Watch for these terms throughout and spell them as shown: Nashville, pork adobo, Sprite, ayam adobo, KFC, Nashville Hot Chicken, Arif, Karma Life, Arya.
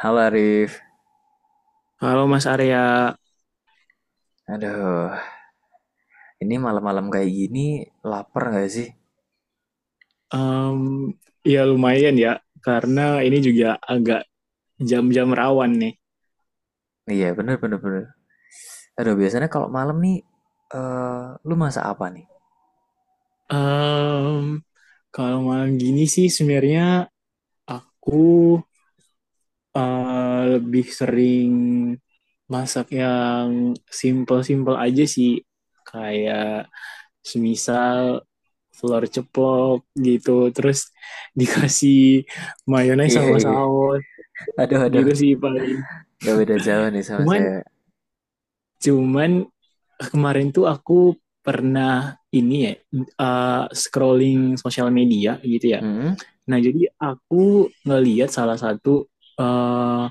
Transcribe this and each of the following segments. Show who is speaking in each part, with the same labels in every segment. Speaker 1: Halo Arif,
Speaker 2: Halo Mas Arya,
Speaker 1: aduh, ini malam-malam kayak gini lapar nggak sih?
Speaker 2: Em, ya lumayan ya, karena ini juga agak jam-jam rawan nih.
Speaker 1: Iya, bener, bener, bener. Aduh biasanya kalau malam nih, eh lu masak apa nih?
Speaker 2: Em, Kalau malam gini sih sebenarnya aku lebih sering masak yang simple-simple aja sih, kayak semisal telur ceplok gitu, terus dikasih mayones
Speaker 1: Iya
Speaker 2: sama
Speaker 1: iya,
Speaker 2: saus
Speaker 1: aduh aduh,
Speaker 2: gitu sih paling.
Speaker 1: nggak beda jauh nih sama
Speaker 2: Cuman
Speaker 1: saya.
Speaker 2: Cuman kemarin tuh aku pernah ini ya scrolling sosial media gitu ya.
Speaker 1: Hmm,
Speaker 2: Nah jadi aku ngelihat salah satu uh,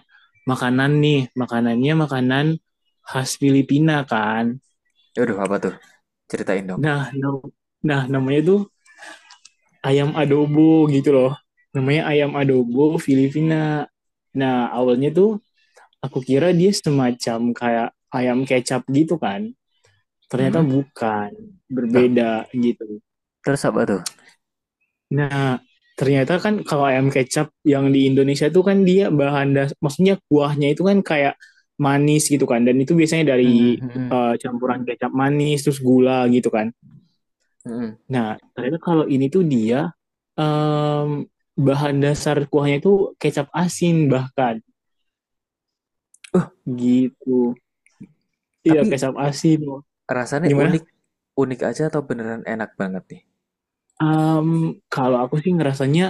Speaker 2: makanan nih, makanannya makanan khas Filipina kan.
Speaker 1: aduh apa tuh? Ceritain dong.
Speaker 2: Nah, no, nah namanya tuh ayam adobo gitu loh. Namanya ayam adobo Filipina. Nah awalnya tuh aku kira dia semacam kayak ayam kecap gitu kan. Ternyata
Speaker 1: Hmm,
Speaker 2: bukan,
Speaker 1: Duh.
Speaker 2: berbeda gitu.
Speaker 1: Terus apa tuh?
Speaker 2: Nah ternyata kan kalau ayam kecap yang di Indonesia itu kan dia bahan dasar, maksudnya kuahnya itu kan kayak manis gitu kan dan itu biasanya
Speaker 1: Hmm, hmm,
Speaker 2: dari
Speaker 1: hmm, hmm.
Speaker 2: campuran kecap manis terus gula gitu kan.
Speaker 1: Hmm.
Speaker 2: Nah ternyata kalau ini tuh dia um, bahan dasar kuahnya itu kecap asin bahkan
Speaker 1: Uh,
Speaker 2: gitu. Iya
Speaker 1: tapi
Speaker 2: kecap asin.
Speaker 1: rasanya
Speaker 2: Gimana
Speaker 1: unik, unik aja atau beneran enak banget nih?
Speaker 2: um, kalau aku sih ngerasanya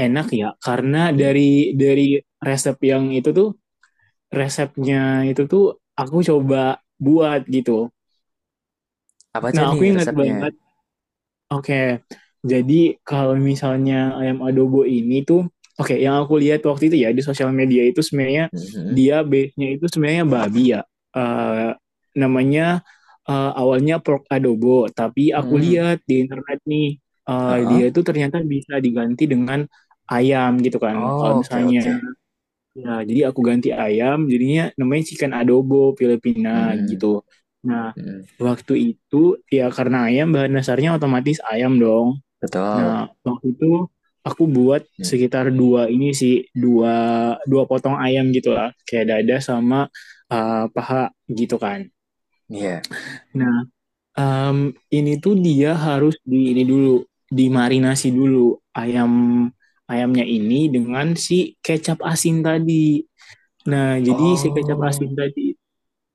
Speaker 2: enak ya karena
Speaker 1: Hmm.
Speaker 2: dari resep yang itu tuh, resepnya itu tuh aku coba buat gitu.
Speaker 1: Apa aja
Speaker 2: Nah, aku
Speaker 1: nih
Speaker 2: ingat
Speaker 1: resepnya?
Speaker 2: banget. Oke. Jadi kalau misalnya ayam adobo ini tuh oke, yang aku lihat waktu itu ya di sosial media itu sebenarnya
Speaker 1: Hmm, hmm,
Speaker 2: dia base-nya itu sebenarnya babi ya. Eh, Namanya awalnya pork adobo, tapi aku
Speaker 1: hmm. Hmm.
Speaker 2: lihat di internet nih dia
Speaker 1: Ah.
Speaker 2: itu ternyata bisa diganti dengan ayam gitu kan.
Speaker 1: Oh,
Speaker 2: Kalau
Speaker 1: oke
Speaker 2: misalnya,
Speaker 1: oke.
Speaker 2: nah, jadi aku ganti ayam, jadinya namanya chicken adobo
Speaker 1: Hmm,
Speaker 2: Filipina
Speaker 1: hmm.
Speaker 2: gitu. Nah,
Speaker 1: Mm-mm,
Speaker 2: waktu itu ya karena ayam bahan dasarnya otomatis ayam dong.
Speaker 1: betul.
Speaker 2: Nah, waktu itu aku buat
Speaker 1: Mm.
Speaker 2: sekitar dua ini sih, dua dua potong ayam gitu lah, kayak dada sama paha gitu kan.
Speaker 1: Iya.
Speaker 2: Nah, um, ini tuh dia harus di ini dulu, dimarinasi dulu ayam ayamnya ini dengan si kecap asin tadi. Nah, jadi si kecap asin
Speaker 1: Oh.
Speaker 2: tadi,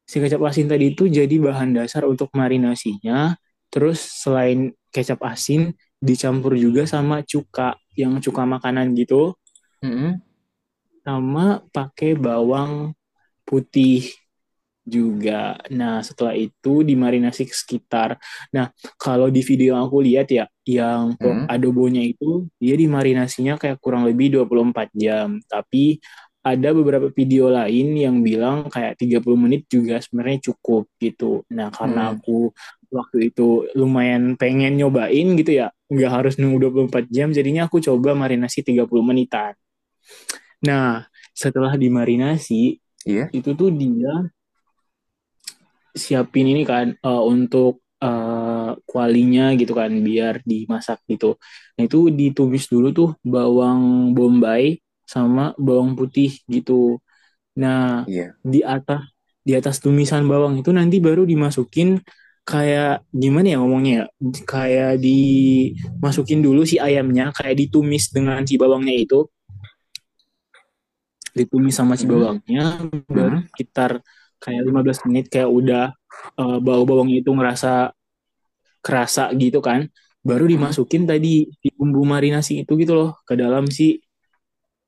Speaker 2: si kecap asin tadi itu jadi bahan dasar untuk marinasinya. Terus selain kecap asin, dicampur juga sama cuka, yang cuka makanan gitu,
Speaker 1: Mm-mm,
Speaker 2: sama pakai bawang putih juga. Nah, setelah itu dimarinasi sekitar. Nah, kalau di video yang aku lihat ya, yang pork
Speaker 1: mm-mm,
Speaker 2: adobonya itu, dia dimarinasinya kayak kurang lebih 24 jam. Tapi ada beberapa video lain yang bilang kayak 30 menit juga sebenarnya cukup gitu. Nah, karena
Speaker 1: mm-mm.
Speaker 2: aku waktu itu lumayan pengen nyobain gitu ya, nggak harus nunggu 24 jam, jadinya aku coba marinasi 30 menitan. Nah, setelah dimarinasi,
Speaker 1: Iya,
Speaker 2: itu tuh dia siapin ini kan untuk kualinya gitu kan biar dimasak gitu. Nah itu ditumis dulu tuh bawang bombay sama bawang putih gitu. Nah
Speaker 1: iya.
Speaker 2: di atas di atas tumisan bawang itu nanti baru dimasukin, kayak gimana ya ngomongnya ya? Kayak dimasukin dulu si ayamnya kayak ditumis dengan si bawangnya itu, ditumis sama si
Speaker 1: Mm-mm,
Speaker 2: bawangnya, baru
Speaker 1: mm-mm,
Speaker 2: sekitar kayak 15 menit kayak udah bau bawang itu ngerasa kerasa gitu kan, baru
Speaker 1: mm-mm.
Speaker 2: dimasukin tadi di bumbu marinasi itu gitu loh ke dalam si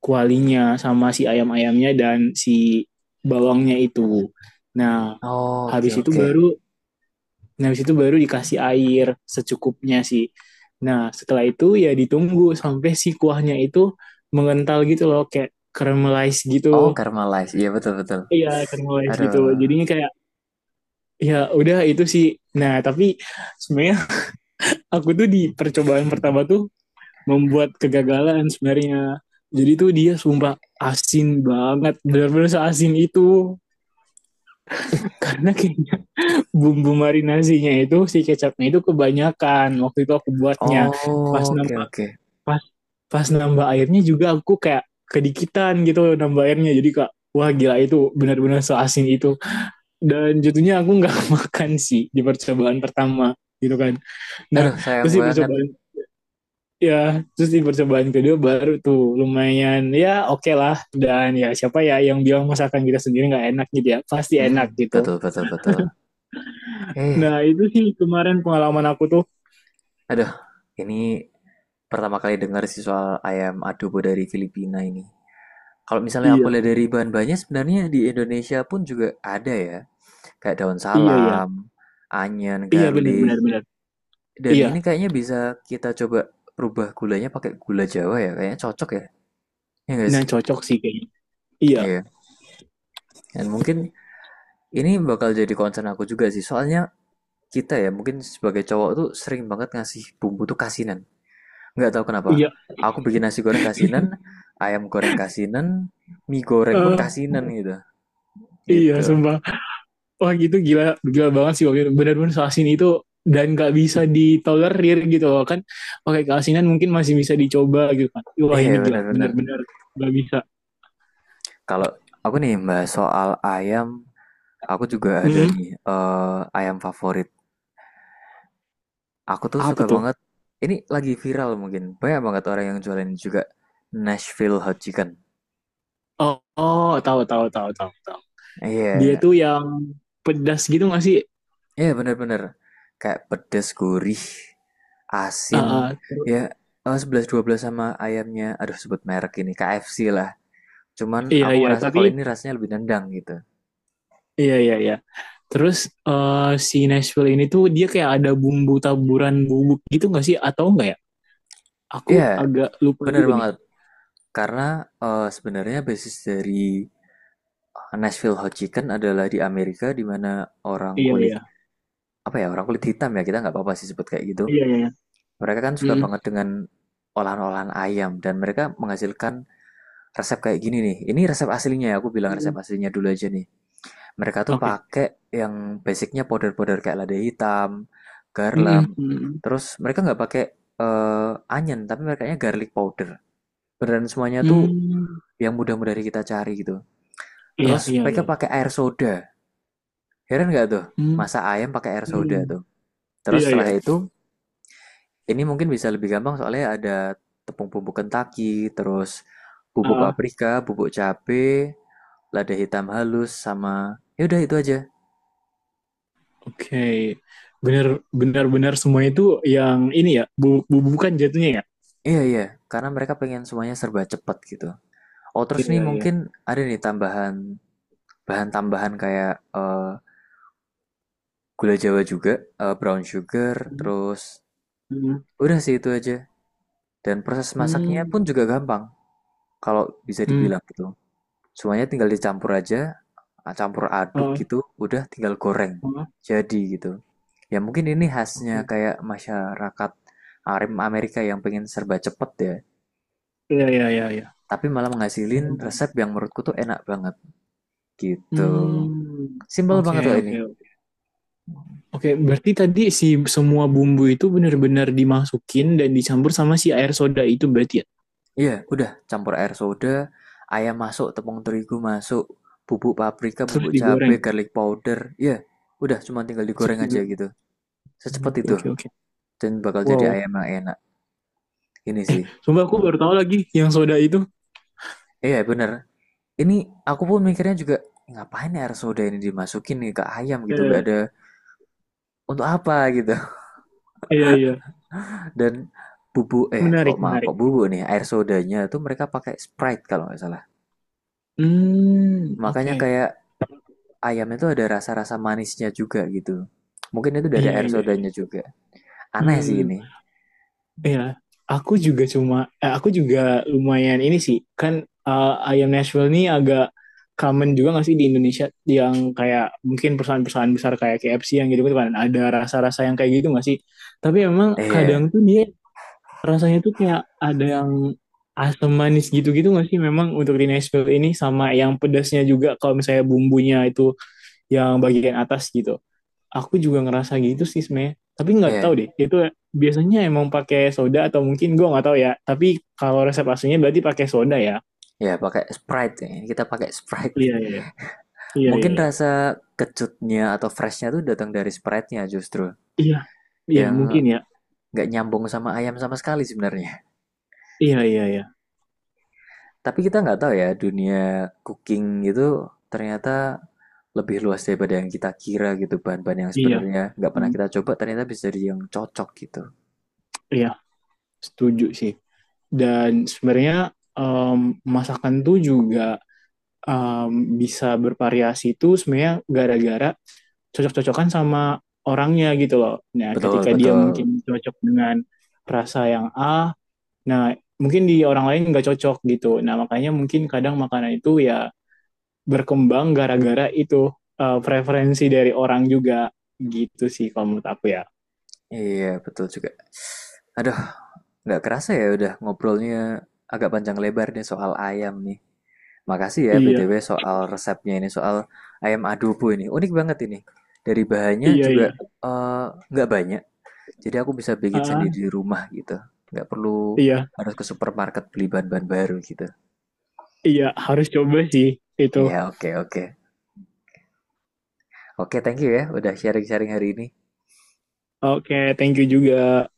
Speaker 2: kualinya sama si ayam-ayamnya dan si bawangnya itu. Nah
Speaker 1: Oh, oke,
Speaker 2: habis itu
Speaker 1: oke.
Speaker 2: baru, nah habis itu baru dikasih air secukupnya sih. Nah setelah itu ya ditunggu sampai si kuahnya itu mengental gitu loh kayak caramelize
Speaker 1: Oh,
Speaker 2: gitu.
Speaker 1: Karma Life. Iya, betul, betul.
Speaker 2: Iya caramelize
Speaker 1: Aduh.
Speaker 2: gitu jadinya kayak ya udah itu sih. Nah tapi sebenarnya aku tuh di percobaan pertama tuh membuat kegagalan sebenarnya. Jadi tuh dia sumpah asin banget, benar-benar seasin itu. Karena kayaknya bumbu marinasinya itu si kecapnya itu kebanyakan. Waktu itu aku buatnya. Pas
Speaker 1: Oh, oke,
Speaker 2: nambah
Speaker 1: oke.
Speaker 2: pas pas nambah airnya juga aku kayak kedikitan gitu nambah airnya. Jadi kak, wah gila itu benar-benar seasin itu dan jatuhnya aku nggak makan sih di percobaan pertama gitu kan. Nah
Speaker 1: Aduh, sayang
Speaker 2: terus di
Speaker 1: banget.
Speaker 2: percobaan Ya, terus di percobaan kedua baru tuh lumayan ya oke okay lah. Dan ya siapa ya yang bilang masakan kita sendiri nggak enak gitu ya? Pasti
Speaker 1: Mm,
Speaker 2: enak gitu.
Speaker 1: betul, betul, betul. Eh,
Speaker 2: Nah itu sih kemarin pengalaman aku tuh.
Speaker 1: aduh. Ini pertama kali dengar sih soal ayam adobo dari Filipina ini. Kalau misalnya aku
Speaker 2: Iya,
Speaker 1: lihat dari bahan-bahannya, sebenarnya di Indonesia pun juga ada ya. Kayak daun
Speaker 2: iya, iya.
Speaker 1: salam, onion,
Speaker 2: Iya benar
Speaker 1: garlic.
Speaker 2: benar benar.
Speaker 1: Dan
Speaker 2: Iya,
Speaker 1: ini kayaknya bisa kita coba rubah gulanya pakai gula Jawa ya. Kayaknya cocok ya. Ya nggak
Speaker 2: nah
Speaker 1: sih?
Speaker 2: cocok sih kayaknya. Iya,
Speaker 1: Iya. Dan mungkin ini bakal jadi concern aku juga sih. Soalnya kita ya mungkin sebagai cowok tuh sering banget ngasih bumbu tuh kasinan. Nggak tahu kenapa.
Speaker 2: iya.
Speaker 1: Aku bikin nasi goreng kasinan, ayam goreng kasinan, mie goreng pun
Speaker 2: Eh,
Speaker 1: kasinan gitu.
Speaker 2: iya
Speaker 1: Gitu.
Speaker 2: sumpah. Wah gitu gila, gila banget sih waktu itu. Benar-benar asin itu dan nggak bisa ditolerir gitu loh kan. Oke keasinan mungkin masih bisa dicoba gitu kan. Wah ini
Speaker 1: Iya
Speaker 2: gila,
Speaker 1: bener-bener.
Speaker 2: benar-benar nggak bisa.
Speaker 1: Kalau aku nih mbak soal ayam, aku juga ada
Speaker 2: Mm-mm.
Speaker 1: nih ayam favorit. Aku tuh
Speaker 2: Apa
Speaker 1: suka
Speaker 2: tuh?
Speaker 1: banget, ini lagi viral mungkin, banyak banget orang yang jualin juga Nashville Hot Chicken.
Speaker 2: Oh, oh, tahu tahu tahu tahu tahu. Dia tuh
Speaker 1: Iya,
Speaker 2: yang pedas gitu nggak sih?
Speaker 1: iya bener-bener, kayak pedes, gurih, asin,
Speaker 2: Ah, ah,
Speaker 1: ya sebelas dua belas sama ayamnya, aduh sebut merek ini, KFC lah. Cuman
Speaker 2: iya
Speaker 1: aku
Speaker 2: iya,
Speaker 1: ngerasa
Speaker 2: tapi
Speaker 1: kalau ini rasanya lebih nendang gitu.
Speaker 2: iya iya iya. Terus eh, si Nashville ini tuh dia kayak ada bumbu taburan bubuk gitu nggak sih? Atau enggak ya? Aku
Speaker 1: Iya,
Speaker 2: agak lupa
Speaker 1: bener
Speaker 2: juga nih.
Speaker 1: banget, karena sebenarnya basis dari Nashville Hot Chicken adalah di Amerika di mana orang
Speaker 2: Iya
Speaker 1: kulit
Speaker 2: iya
Speaker 1: apa ya orang kulit hitam ya kita nggak apa-apa sih sebut kayak gitu.
Speaker 2: iya iya.
Speaker 1: Mereka kan suka
Speaker 2: Mm-mm.
Speaker 1: banget dengan olahan-olahan ayam dan mereka menghasilkan resep kayak gini nih. Ini resep aslinya ya, aku bilang resep
Speaker 2: Mm.
Speaker 1: aslinya dulu aja nih. Mereka tuh
Speaker 2: Oke.
Speaker 1: pakai yang basicnya powder-powder kayak lada hitam,
Speaker 2: Mm-mm.
Speaker 1: garam.
Speaker 2: Mm-mm.
Speaker 1: Terus mereka nggak pakai onion, tapi mereka nya garlic powder. Beneran semuanya tuh
Speaker 2: Mm. Mm.
Speaker 1: yang mudah-mudah kita cari gitu.
Speaker 2: Iya
Speaker 1: Terus
Speaker 2: iya
Speaker 1: mereka
Speaker 2: iya. Iya.
Speaker 1: pakai air soda. Heran nggak tuh?
Speaker 2: Mm.
Speaker 1: Masak ayam pakai air soda
Speaker 2: Mm.
Speaker 1: tuh. Terus
Speaker 2: Iya iya.
Speaker 1: setelah itu ini mungkin bisa lebih gampang soalnya ada tepung bumbu Kentucky, terus bubuk
Speaker 2: Ah,
Speaker 1: paprika, bubuk cabe, lada hitam halus, sama ya udah itu aja.
Speaker 2: oke, bener benar-benar semua itu yang ini ya, bubuk-bubukan jatuhnya ya.
Speaker 1: Iya iya, karena mereka pengen semuanya serba cepat gitu. Oh terus
Speaker 2: Iya,
Speaker 1: nih
Speaker 2: iya.
Speaker 1: mungkin ada nih tambahan bahan tambahan kayak eh, gula Jawa juga, brown sugar,
Speaker 2: Hmm,
Speaker 1: terus
Speaker 2: hmm,
Speaker 1: udah sih itu aja. Dan proses masaknya pun
Speaker 2: hmm,
Speaker 1: juga gampang kalau bisa
Speaker 2: hmm.
Speaker 1: dibilang gitu. Semuanya tinggal dicampur aja, ah, campur aduk
Speaker 2: Oh,
Speaker 1: gitu, udah tinggal goreng.
Speaker 2: oh,
Speaker 1: Jadi gitu. Ya mungkin ini khasnya
Speaker 2: oke.
Speaker 1: kayak masyarakat Arim Amerika yang pengen serba cepet ya,
Speaker 2: Iya, iya, iya, iya.
Speaker 1: tapi malah menghasilin
Speaker 2: Paham,
Speaker 1: resep
Speaker 2: paham.
Speaker 1: yang menurutku tuh enak banget gitu.
Speaker 2: Hmm,
Speaker 1: Simpel
Speaker 2: oke,
Speaker 1: banget kok ini.
Speaker 2: oke, oke. Oke, berarti tadi si semua bumbu itu benar-benar dimasukin dan dicampur sama si air soda itu berarti ya?
Speaker 1: Iya, udah campur air soda, ayam masuk, tepung terigu masuk, bubuk paprika,
Speaker 2: Terus
Speaker 1: bubuk cabai,
Speaker 2: digoreng.
Speaker 1: garlic powder. Iya, udah cuma tinggal
Speaker 2: Terus
Speaker 1: digoreng aja
Speaker 2: digoreng.
Speaker 1: gitu. Secepat
Speaker 2: Hmm,
Speaker 1: itu
Speaker 2: oke, oke.
Speaker 1: dan bakal jadi
Speaker 2: Wow.
Speaker 1: ayam yang enak. Ini sih.
Speaker 2: Sumpah aku baru tahu lagi yang soda itu.
Speaker 1: Iya bener, ini aku pun mikirnya juga, "Ngapain ya air soda ini dimasukin nih ke ayam gitu, gak
Speaker 2: Eh,
Speaker 1: ada untuk apa?" gitu.
Speaker 2: iya, iya.
Speaker 1: Dan bubu eh kok
Speaker 2: Menarik,
Speaker 1: maaf kok
Speaker 2: menarik.
Speaker 1: bubu nih, air sodanya tuh mereka pakai Sprite kalau nggak salah.
Speaker 2: Hmm,
Speaker 1: Makanya
Speaker 2: oke.
Speaker 1: kayak ayamnya tuh ada rasa-rasa manisnya juga gitu. Mungkin itu dari
Speaker 2: Iya,
Speaker 1: air
Speaker 2: iya,
Speaker 1: sodanya
Speaker 2: iya.
Speaker 1: juga. Aneh sih
Speaker 2: Hmm.
Speaker 1: ini.
Speaker 2: Iya, aku juga cuma, aku juga lumayan ini sih, kan ayam Nashville ini agak common juga nggak sih di Indonesia, yang kayak mungkin perusahaan-perusahaan besar kayak KFC yang gitu kan ada rasa-rasa yang kayak gitu nggak sih? Tapi emang kadang
Speaker 1: Iya,
Speaker 2: tuh dia rasanya tuh kayak ada yang asam manis gitu-gitu nggak sih? Memang untuk di Nashville ini sama yang pedasnya juga kalau misalnya bumbunya itu yang bagian atas gitu aku juga ngerasa gitu sih sebenarnya tapi nggak tahu
Speaker 1: iya,
Speaker 2: deh itu biasanya emang pakai soda atau mungkin gue nggak tahu ya tapi kalau resep aslinya berarti pakai soda ya
Speaker 1: iya pakai Sprite ya. Ini kita pakai Sprite.
Speaker 2: iya iya iya iya iya
Speaker 1: Mungkin
Speaker 2: iya
Speaker 1: rasa kecutnya atau freshnya tuh datang dari Sprite-nya justru.
Speaker 2: iya iya,
Speaker 1: Yang
Speaker 2: mungkin ya
Speaker 1: nggak nyambung sama ayam sama sekali sebenarnya.
Speaker 2: iya iya iya
Speaker 1: Tapi kita nggak tahu ya, dunia cooking gitu ternyata lebih luas daripada yang kita kira gitu. Bahan-bahan yang
Speaker 2: iya.
Speaker 1: sebenarnya nggak pernah
Speaker 2: Hmm,
Speaker 1: kita coba ternyata bisa jadi yang cocok gitu.
Speaker 2: iya setuju sih dan sebenarnya em, masakan tuh juga bisa bervariasi tuh sebenarnya gara-gara cocok-cocokan sama orangnya gitu loh. Nah,
Speaker 1: Betul,
Speaker 2: ketika dia
Speaker 1: betul.
Speaker 2: mungkin cocok dengan rasa yang A, nah, mungkin di orang lain nggak cocok gitu. Nah, makanya mungkin kadang makanan itu ya berkembang gara-gara itu, preferensi dari orang juga gitu sih kalau menurut aku ya.
Speaker 1: Iya, betul juga. Aduh, nggak kerasa ya udah ngobrolnya agak panjang lebar nih soal ayam nih. Makasih ya
Speaker 2: Iya,
Speaker 1: BTW soal resepnya ini, soal ayam adobo ini. Unik banget ini. Dari bahannya
Speaker 2: iya,
Speaker 1: juga
Speaker 2: iya.
Speaker 1: eh, nggak banyak, jadi aku bisa bikin
Speaker 2: Ah,
Speaker 1: sendiri di rumah gitu. Nggak perlu
Speaker 2: iya,
Speaker 1: harus ke supermarket beli bahan-bahan baru gitu.
Speaker 2: iya harus coba sih itu.
Speaker 1: Ya, oke, oke. Oke, thank you ya udah sharing-sharing hari ini.
Speaker 2: Oke, thank you juga.